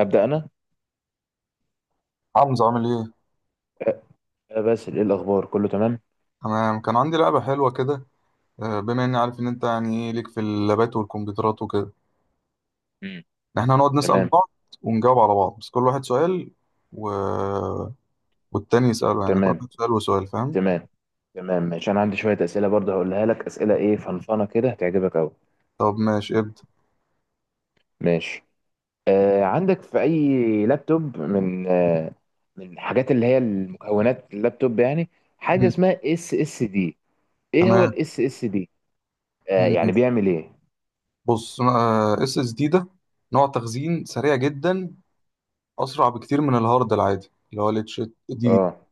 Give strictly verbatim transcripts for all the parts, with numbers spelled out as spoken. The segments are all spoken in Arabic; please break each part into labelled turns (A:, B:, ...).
A: أبدأ أنا.
B: حمزة عامل ايه؟
A: أه، أه، باسل، إيه الأخبار؟ كله تمام؟
B: انا كان عندي لعبة حلوة كده. آه، بما اني عارف ان انت يعني ايه ليك في اللابات والكمبيوترات وكده،
A: مم.
B: ان احنا هنقعد نسأل
A: تمام،
B: بعض ونجاوب على بعض بس كل واحد سؤال و... والتاني يسأله، يعني كل
A: تمام،
B: واحد سؤال وسؤال، فاهم؟
A: تمام، تمام، ماشي. أنا عندي شوية أسئلة برضه هقولها لك، أسئلة إيه فنفنة كده هتعجبك أوي.
B: طب ماشي ابدأ.
A: ماشي. آه عندك في أي لابتوب، من آه من الحاجات اللي هي المكونات اللابتوب يعني، حاجة
B: مم.
A: اسمها اس اس دي؟ إيه هو
B: تمام.
A: الاس اس دي؟ آه يعني
B: مم.
A: بيعمل إيه؟
B: بص، اس اس دي ده نوع تخزين سريع جدا، اسرع بكتير من الهارد العادي اللي هو الاتش دي.
A: أه.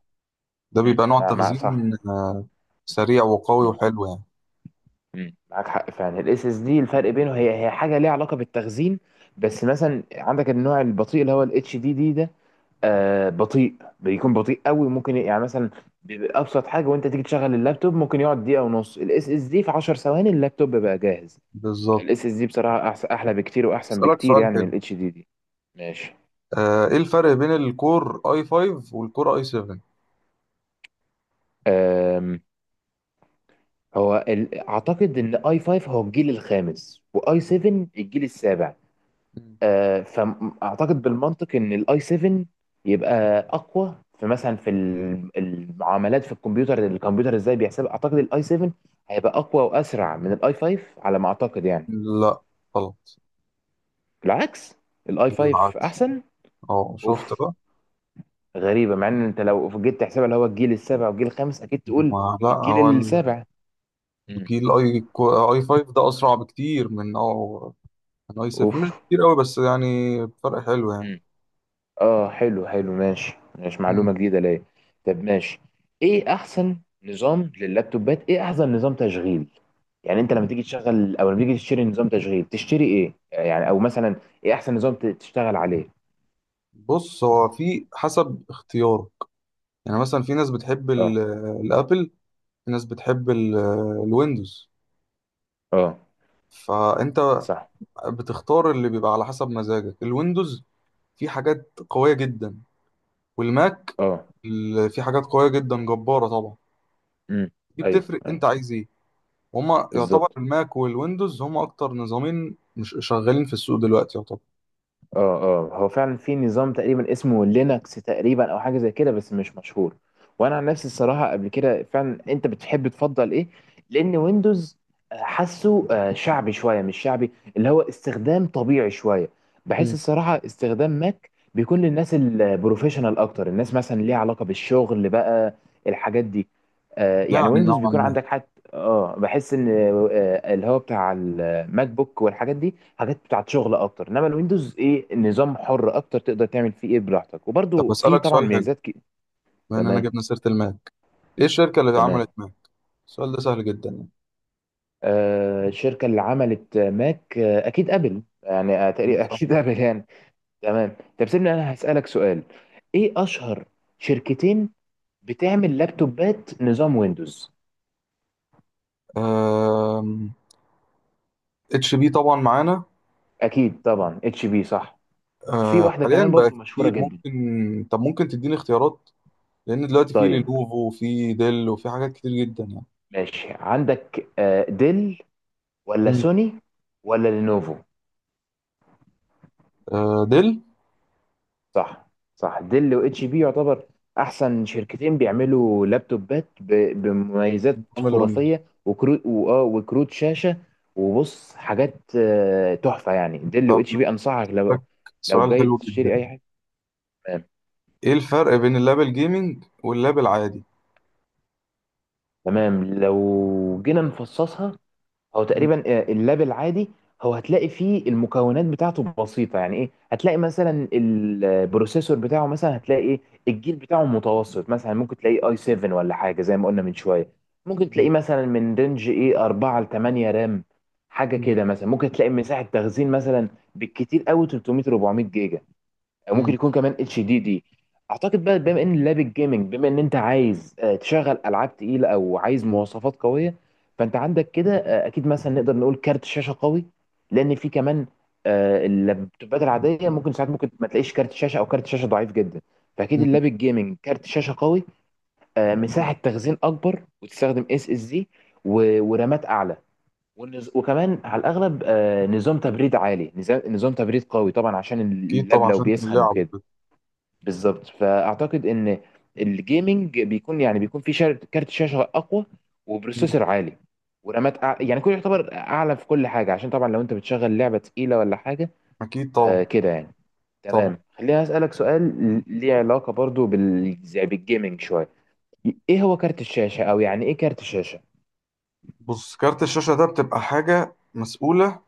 B: ده
A: مم.
B: بيبقى نوع
A: مع مع صح.
B: تخزين آه، سريع وقوي وحلو يعني.
A: مم. معاك حق فعلا، الاس اس دي الفرق بينه، هي هي حاجه ليها علاقه بالتخزين. بس مثلا عندك النوع البطيء اللي هو الاتش دي دي ده، آه بطيء، بيكون بطيء قوي، ممكن يعني مثلا بيبقى ابسط حاجه، وانت تيجي تشغل اللابتوب ممكن يقعد دقيقه ونص، الاس اس دي في 10 ثواني اللابتوب بقى جاهز.
B: بالظبط.
A: الاس اس دي بصراحه أحس- احلى بكتير واحسن
B: هسألك
A: بكتير
B: سؤال
A: يعني من
B: حلو.
A: الاتش دي دي. ماشي.
B: آه، ايه الفرق بين الكور اي فايف والكور اي سفن؟
A: آم، هو ال- اعتقد ان اي 5 هو الجيل الخامس واي اي سفن الجيل السابع.
B: مم.
A: آه، فاعتقد بالمنطق ان الاي 7 يبقى اقوى، في مثلا في ال- المعاملات في الكمبيوتر الكمبيوتر ازاي بيحسب، اعتقد الاي 7 هيبقى اقوى واسرع من الاي 5، على ما اعتقد يعني.
B: لا، غلط.
A: بالعكس، الاي 5
B: العكس.
A: احسن.
B: اه، شفت
A: اوف،
B: بقى؟
A: غريبه مع ان انت لو جيت تحسبها، اللي هو الجيل السابع والجيل الخامس، اكيد تقول
B: ما لا،
A: الجيل
B: هو ال-
A: السابع. مم.
B: الجيل اي كو- اي فايف ده اسرع بكتير من او من اي سفن، مش
A: اوف.
B: بكتير قوي بس يعني فرق حلو يعني.
A: اه، حلو حلو، ماشي، ماشي،
B: مم.
A: معلومة جديدة ليا. طب ماشي، ايه احسن نظام لللابتوبات؟ ايه احسن نظام تشغيل؟ يعني انت لما تيجي تشغل او لما تيجي تشتري نظام تشغيل تشتري ايه يعني، او مثلا ايه احسن نظام ت- تشتغل عليه؟
B: بص، هو في حسب اختيارك. يعني مثلا في ناس بتحب
A: اه،
B: ال- الابل، في ناس بتحب ال- الويندوز.
A: اه،
B: فانت
A: صح،
B: بتختار اللي بيبقى على حسب مزاجك. الويندوز في حاجات قوية جدا، والماك
A: اه،
B: ال- في حاجات قوية جدا جبارة طبعا.
A: امم
B: دي
A: ايوه،
B: بتفرق انت
A: ايوه،
B: عايز ايه. وهما يعتبر
A: بالظبط.
B: الماك والويندوز هما اكتر نظامين مش شغالين في السوق دلوقتي يعتبر.
A: اه، اه، هو فعلا في نظام تقريبا اسمه لينكس تقريبا، او حاجه زي كده بس مش مشهور. وانا عن نفسي الصراحه، قبل كده فعلا، انت بتحب تفضل ايه؟ لان ويندوز، آه، حاسه آه، شعبي شويه، مش شعبي، اللي هو استخدام طبيعي شويه. بحس
B: مم.
A: الصراحه استخدام ماك بيكون للناس البروفيشنال اكتر، الناس مثلا ليها علاقه بالشغل بقى، الحاجات دي. آه، يعني
B: يعني
A: ويندوز
B: نوعا
A: بيكون
B: ما.
A: عندك حاجه، اه، بحس ان آه، آه، اللي هو بتاع ماك بوك والحاجات دي حاجات بتاعت شغل اكتر، انما الويندوز ايه، نظام حر اكتر، تقدر تعمل فيه ايه براحتك،
B: طب
A: وبرده في
B: اسألك
A: طبعا
B: سؤال حلو،
A: ميزات كي...
B: بما اننا
A: تمام،
B: جبنا سيرة الماك. ايه الشركة اللي عملت
A: تمام.
B: ماك؟ السؤال ده سهل جدا.
A: آه الشركه اللي عملت ماك، آه اكيد ابل يعني، آه
B: يعني
A: تقريبا
B: صح.
A: اكيد ابل يعني. تمام. طب سيبني انا هسالك سؤال، ايه اشهر شركتين بتعمل لابتوبات نظام ويندوز؟
B: آم، اتش بي طبعا معانا.
A: اكيد طبعا اتش بي، صح. في
B: آه،
A: واحده كمان
B: حاليا بقى
A: برضو مشهوره
B: كتير
A: جدا.
B: ممكن. طب ممكن تديني اختيارات، لان دلوقتي في
A: طيب
B: لينوفو وفي ديل وفي حاجات كتير جدا يعني.
A: ماشي، عندك آه، ديل ولا
B: مم.
A: سوني ولا لينوفو؟
B: آه، ديل.
A: صح، صح، ديل واتش بي يعتبر احسن شركتين بيعملوا لابتوبات ب- بمميزات
B: عمل ويندوز.
A: خرافيه، وكروت واه وكروت شاشه، وبص حاجات آه، تحفه يعني. ديل
B: طب
A: واتش بي انصحك،
B: فك.
A: لو لو
B: سؤال
A: جاي
B: حلو جدا.
A: تشتري اي حاجه. تمام،
B: ايه الفرق بين اللاب الجيمنج واللاب العادي؟
A: تمام. لو جينا نفصصها، هو
B: مم.
A: تقريبا آه، اللاب العادي هو هتلاقي فيه المكونات بتاعته بسيطة، يعني ايه، هتلاقي مثلا البروسيسور بتاعه، مثلا هتلاقي ايه الجيل بتاعه متوسط، مثلا ممكن تلاقيه اي 7 ولا حاجة زي ما قلنا من شوية، ممكن
B: مم.
A: تلاقيه مثلا من رينج ايه اربعة ل تمنية رام، حاجة
B: مم.
A: كده مثلا. ممكن تلاقي مساحة تخزين مثلا بالكتير قوي تلتمية اربعمائة جيجا، او
B: مم.
A: ممكن يكون كمان اتش دي دي. اعتقد بقى، بما ان لاب الجيمنج، بما ان انت عايز آه، تشغل العاب تقيله او عايز مواصفات قويه، فانت عندك كده آه، اكيد مثلا نقدر نقول كارت شاشه قوي، لان في كمان آه، اللابتوبات العاديه ممكن ساعات ممكن ما تلاقيش كارت شاشه او كارت شاشه ضعيف جدا، فاكيد
B: مم.
A: اللاب الجيمنج كارت شاشه قوي. آه، مساحه تخزين اكبر، وتستخدم اس اس دي، ورامات اعلى، والنز- وكمان على الاغلب آه، نظام تبريد عالي، نظام نظام تبريد قوي طبعا عشان
B: اكيد
A: اللاب
B: طبعا
A: لو
B: عشان
A: بيسخن
B: اللعب
A: وكده.
B: وكده.
A: بالظبط. فاعتقد ان الجيمنج بيكون، يعني بيكون في شر- كارت شاشه اقوى،
B: مم.
A: وبروسيسور عالي، ورامات أع... يعني كله يعتبر اعلى في كل حاجه، عشان طبعا لو انت بتشغل لعبه تقيله ولا حاجه.
B: اكيد
A: آه
B: طبعا.
A: كده يعني.
B: طبعا.
A: تمام. خليني اسالك سؤال ل- ليه علاقه برضو بال... زي بالجيمنج شويه، ايه هو كارت الشاشه، او يعني ايه كارت الشاشه؟
B: بص، كارت الشاشة ده بتبقى حاجة مسؤولة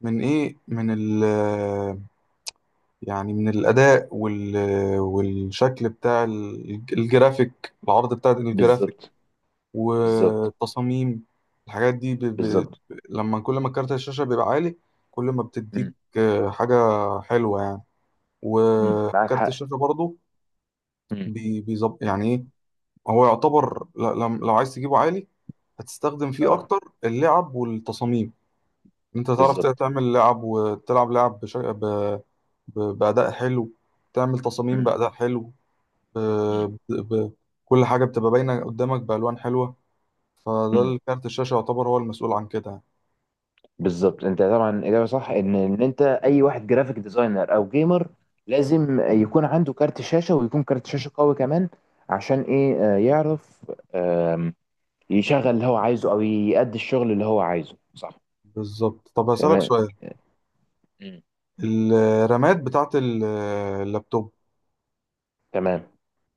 B: من ايه، من ال آه، يعني من الاداء وال آه، والشكل بتاع ال- الجرافيك، العرض بتاع الجرافيك
A: بالظبط، بالظبط،
B: والتصاميم. الحاجات دي ب... ب...
A: بالظبط.
B: لما كل ما كارت الشاشة بيبقى عالي، كل ما بتديك
A: مم.
B: آه، حاجة حلوة يعني.
A: مم. معاك
B: وكارت
A: حق.
B: الشاشة برضه
A: مم.
B: بي- بيظب يعني ايه. هو يعتبر ل- لم- لو عايز تجيبه عالي، هتستخدم فيه
A: اه،
B: اكتر اللعب والتصاميم. انت تعرف ت-
A: بالظبط.
B: تعمل لعب وتلعب لعب بش... ب... ب... بأداء حلو، تعمل تصاميم
A: مم.
B: بأداء حلو. ب...
A: مم.
B: ب... ب... كل حاجة بتبقى باينة قدامك بألوان حلوة. فده
A: مم.
B: الكارت الشاشة يعتبر هو المسؤول عن كده يعني.
A: بالظبط. انت طبعا اجابه صح، ان ان انت اي واحد جرافيك ديزاينر او جيمر لازم يكون عنده كارت شاشه، ويكون كارت شاشه قوي كمان، عشان ايه، آه، يعرف آم، يشغل اللي هو عايزه او يأدي الشغل اللي هو عايزه. صح.
B: بالظبط. طب هسألك
A: تمام.
B: سؤال.
A: مم.
B: الرامات بتاعت ال- اللابتوب
A: تمام.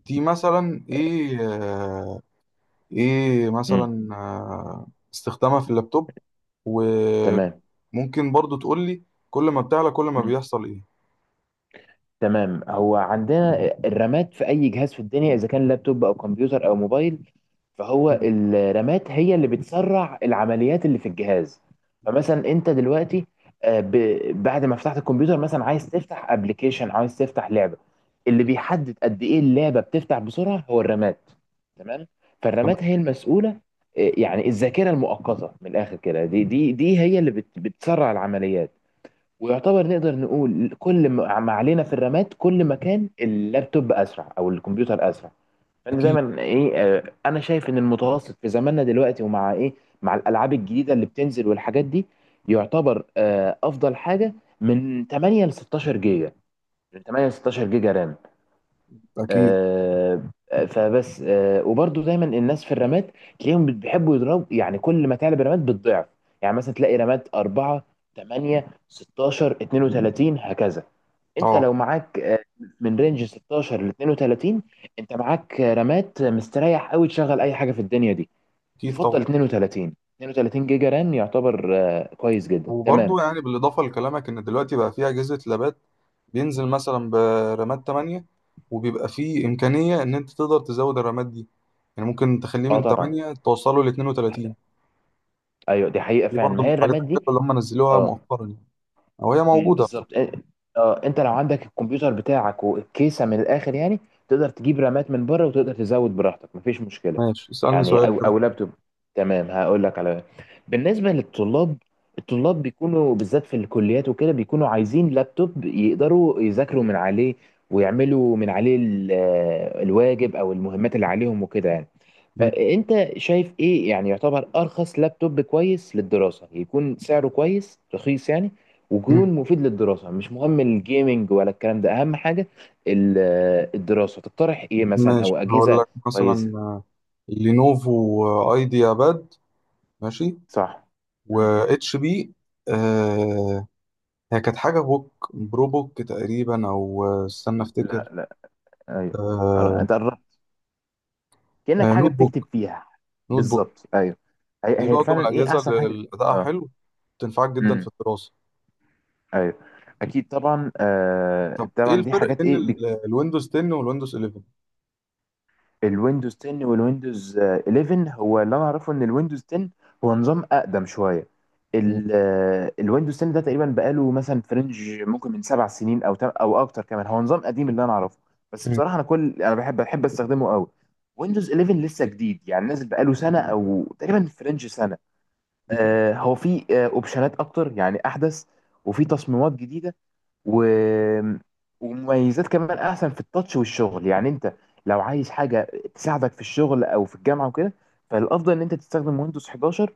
B: دي مثلا ايه؟ ايه
A: مم.
B: مثلا آه، استخدامها في اللابتوب؟
A: تمام.
B: وممكن برضو تقول لي، كل ما بتعلى كل ما بيحصل ايه؟
A: تمام، هو عندنا الرامات في اي جهاز في الدنيا، اذا كان لابتوب او كمبيوتر او موبايل،
B: مم.
A: فهو الرامات هي اللي بتسرع العمليات اللي في الجهاز. فمثلا انت دلوقتي آه، ب- بعد ما فتحت الكمبيوتر مثلا عايز تفتح ابلكيشن، عايز تفتح لعبة، اللي
B: مم.
A: بيحدد قد ايه اللعبة بتفتح بسرعة هو الرامات. تمام.
B: تمام.
A: فالرامات هي المسؤولة، آه، يعني الذاكرة المؤقتة من الاخر كده، دي دي دي هي اللي بت- بتسرع العمليات. ويعتبر نقدر نقول كل ما ما علينا في الرامات، كل ما كان اللابتوب اسرع او الكمبيوتر اسرع. فانت
B: اكيد.
A: دايما ايه، آه، انا شايف ان المتوسط في زماننا دلوقتي، ومع ايه مع الالعاب الجديده اللي بتنزل والحاجات دي، يعتبر آه، افضل حاجه من ثمانية ل ستاشر جيجا، من ثمانية ل ستاشر جيجا رام.
B: اكيد.
A: آه، فبس. آه، وبرضو دايما الناس في الرمات تلاقيهم بيحبوا يضربوا، يعني كل ما تعلى برمات بالضعف، يعني مثلا تلاقي رمات اربعة ثمانية ستاشر اثنين وثلاثين هكذا. انت
B: اه.
A: لو معاك آه، من رينج ستاشر ل اثنين وثلاثين، انت معاك آه، رمات مستريح قوي، تشغل اي حاجه في الدنيا دي.
B: اكيد طبعا.
A: يفضل اثنين وثلاثين، اثنين وثلاثين جيجا رام يعتبر آه، كويس جدا.
B: وبرضو
A: تمام.
B: يعني بالاضافه لكلامك ان دلوقتي بقى في اجهزه لابات بينزل مثلا برامات تمانية، وبيبقى في امكانيه ان انت تقدر تزود الرامات دي. يعني ممكن تخليه
A: اه
B: من
A: طبعا.
B: تمانية توصله ل اتنين وتلاتين.
A: ايوه دي حقيقه
B: دي
A: فعلا،
B: برضو
A: ما
B: من
A: هي
B: الحاجات
A: الرامات
B: الحلوه اللي
A: دي.
B: هم نزلوها
A: اه.
B: مؤخرا يعني، او هي
A: امم
B: موجوده. طب
A: بالظبط. اه انت لو عندك الكمبيوتر بتاعك والكيسه من الاخر يعني، تقدر تجيب رامات من بره وتقدر تزود براحتك، مفيش مشكله.
B: ماشي، اسالني
A: يعني
B: سؤال
A: او
B: كده.
A: او لابتوب. تمام. هقول لك على، بالنسبه للطلاب، الطلاب بيكونوا بالذات في الكليات وكده بيكونوا عايزين لابتوب يقدروا يذاكروا من عليه، ويعملوا من عليه ال- آه، الواجب او المهمات اللي عليهم وكده يعني. فانت شايف ايه، يعني يعتبر ارخص لابتوب كويس للدراسه، يكون سعره كويس رخيص يعني،
B: مم.
A: ويكون مفيد للدراسه، مش مهم الجيمنج ولا الكلام ده اهم حاجه. ال- الدراسه، تقترح ايه مثلا او
B: ماشي، هقول
A: اجهزه
B: لك مثلا
A: كويسه؟
B: لينوفو ايديا باد. ماشي.
A: صح.
B: و
A: مم.
B: اتش بي. آه هي كانت حاجه بوك برو بوك تقريبا، او آه، استنى افتكر.
A: لا، لا. ايوه. أر-
B: آه
A: انت قربت، كانك
B: آه
A: حاجه
B: نوت بوك.
A: بتكتب فيها.
B: نوت بوك.
A: بالظبط، ايوه.
B: دي
A: هي هي
B: برضه من
A: فعلا ايه
B: الاجهزه
A: احسن حاجه.
B: اللي ادائها
A: اه.
B: حلو. تنفعك جدا في
A: مم.
B: الدراسه.
A: ايوه، اكيد طبعا. آه
B: طب ايه
A: طبعا دي
B: الفرق
A: حاجات
B: بين
A: ايه.
B: ال- الويندوز تن والويندوز حداشر؟
A: الويندوز تن والويندوز آه، اليفن هو اللي انا اعرفه، ان الويندوز تن هو نظام اقدم شويه.
B: مم.
A: ال- آه، الويندوز عشرة ده تقريبا بقاله مثلا فرنج ممكن من سبع سنين او تم- او اكتر كمان، هو نظام قديم اللي انا اعرفه. بس بصراحه، انا كل انا بحب بحب استخدمه قوي. ويندوز اليفن لسه جديد، يعني نازل بقاله سنه او تقريبا فرنج سنه.
B: مم.
A: آه، هو فيه اوبشنات اكتر يعني، احدث، وفي تصميمات جديده، و... ومميزات كمان احسن في التاتش والشغل. يعني انت لو عايز حاجه تساعدك في الشغل او في الجامعه وكده، فالافضل ان انت تستخدم ويندوز احداشر.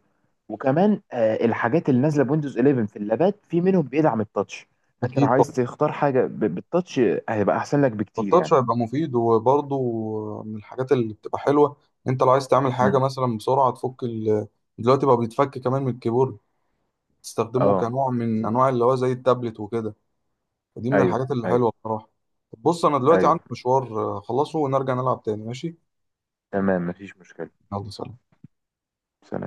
A: وكمان آه، الحاجات اللي نازله بويندوز اليفن في اللابات في منهم بيدعم التاتش. فانت لو
B: اكيد.
A: عايز تختار حاجه ب- بالتاتش، هيبقى احسن لك بكتير
B: التاتش
A: يعني.
B: هيبقى مفيد، وبرضه من الحاجات اللي بتبقى حلوة. انت لو عايز تعمل حاجة
A: مم.
B: مثلا بسرعة، تفك ال... دلوقتي بقى بيتفك كمان من الكيبورد، تستخدمه
A: اه،
B: كنوع من انواع اللي هو زي التابلت وكده. فدي من
A: ايوه،
B: الحاجات اللي
A: ايوه،
B: حلوة بصراحة. طب بص، انا دلوقتي عندي
A: ايوه.
B: مشوار آه، اخلصه ونرجع نلعب تاني، ماشي.
A: تمام. مفيش مشكله.
B: يلا سلام.
A: سلام.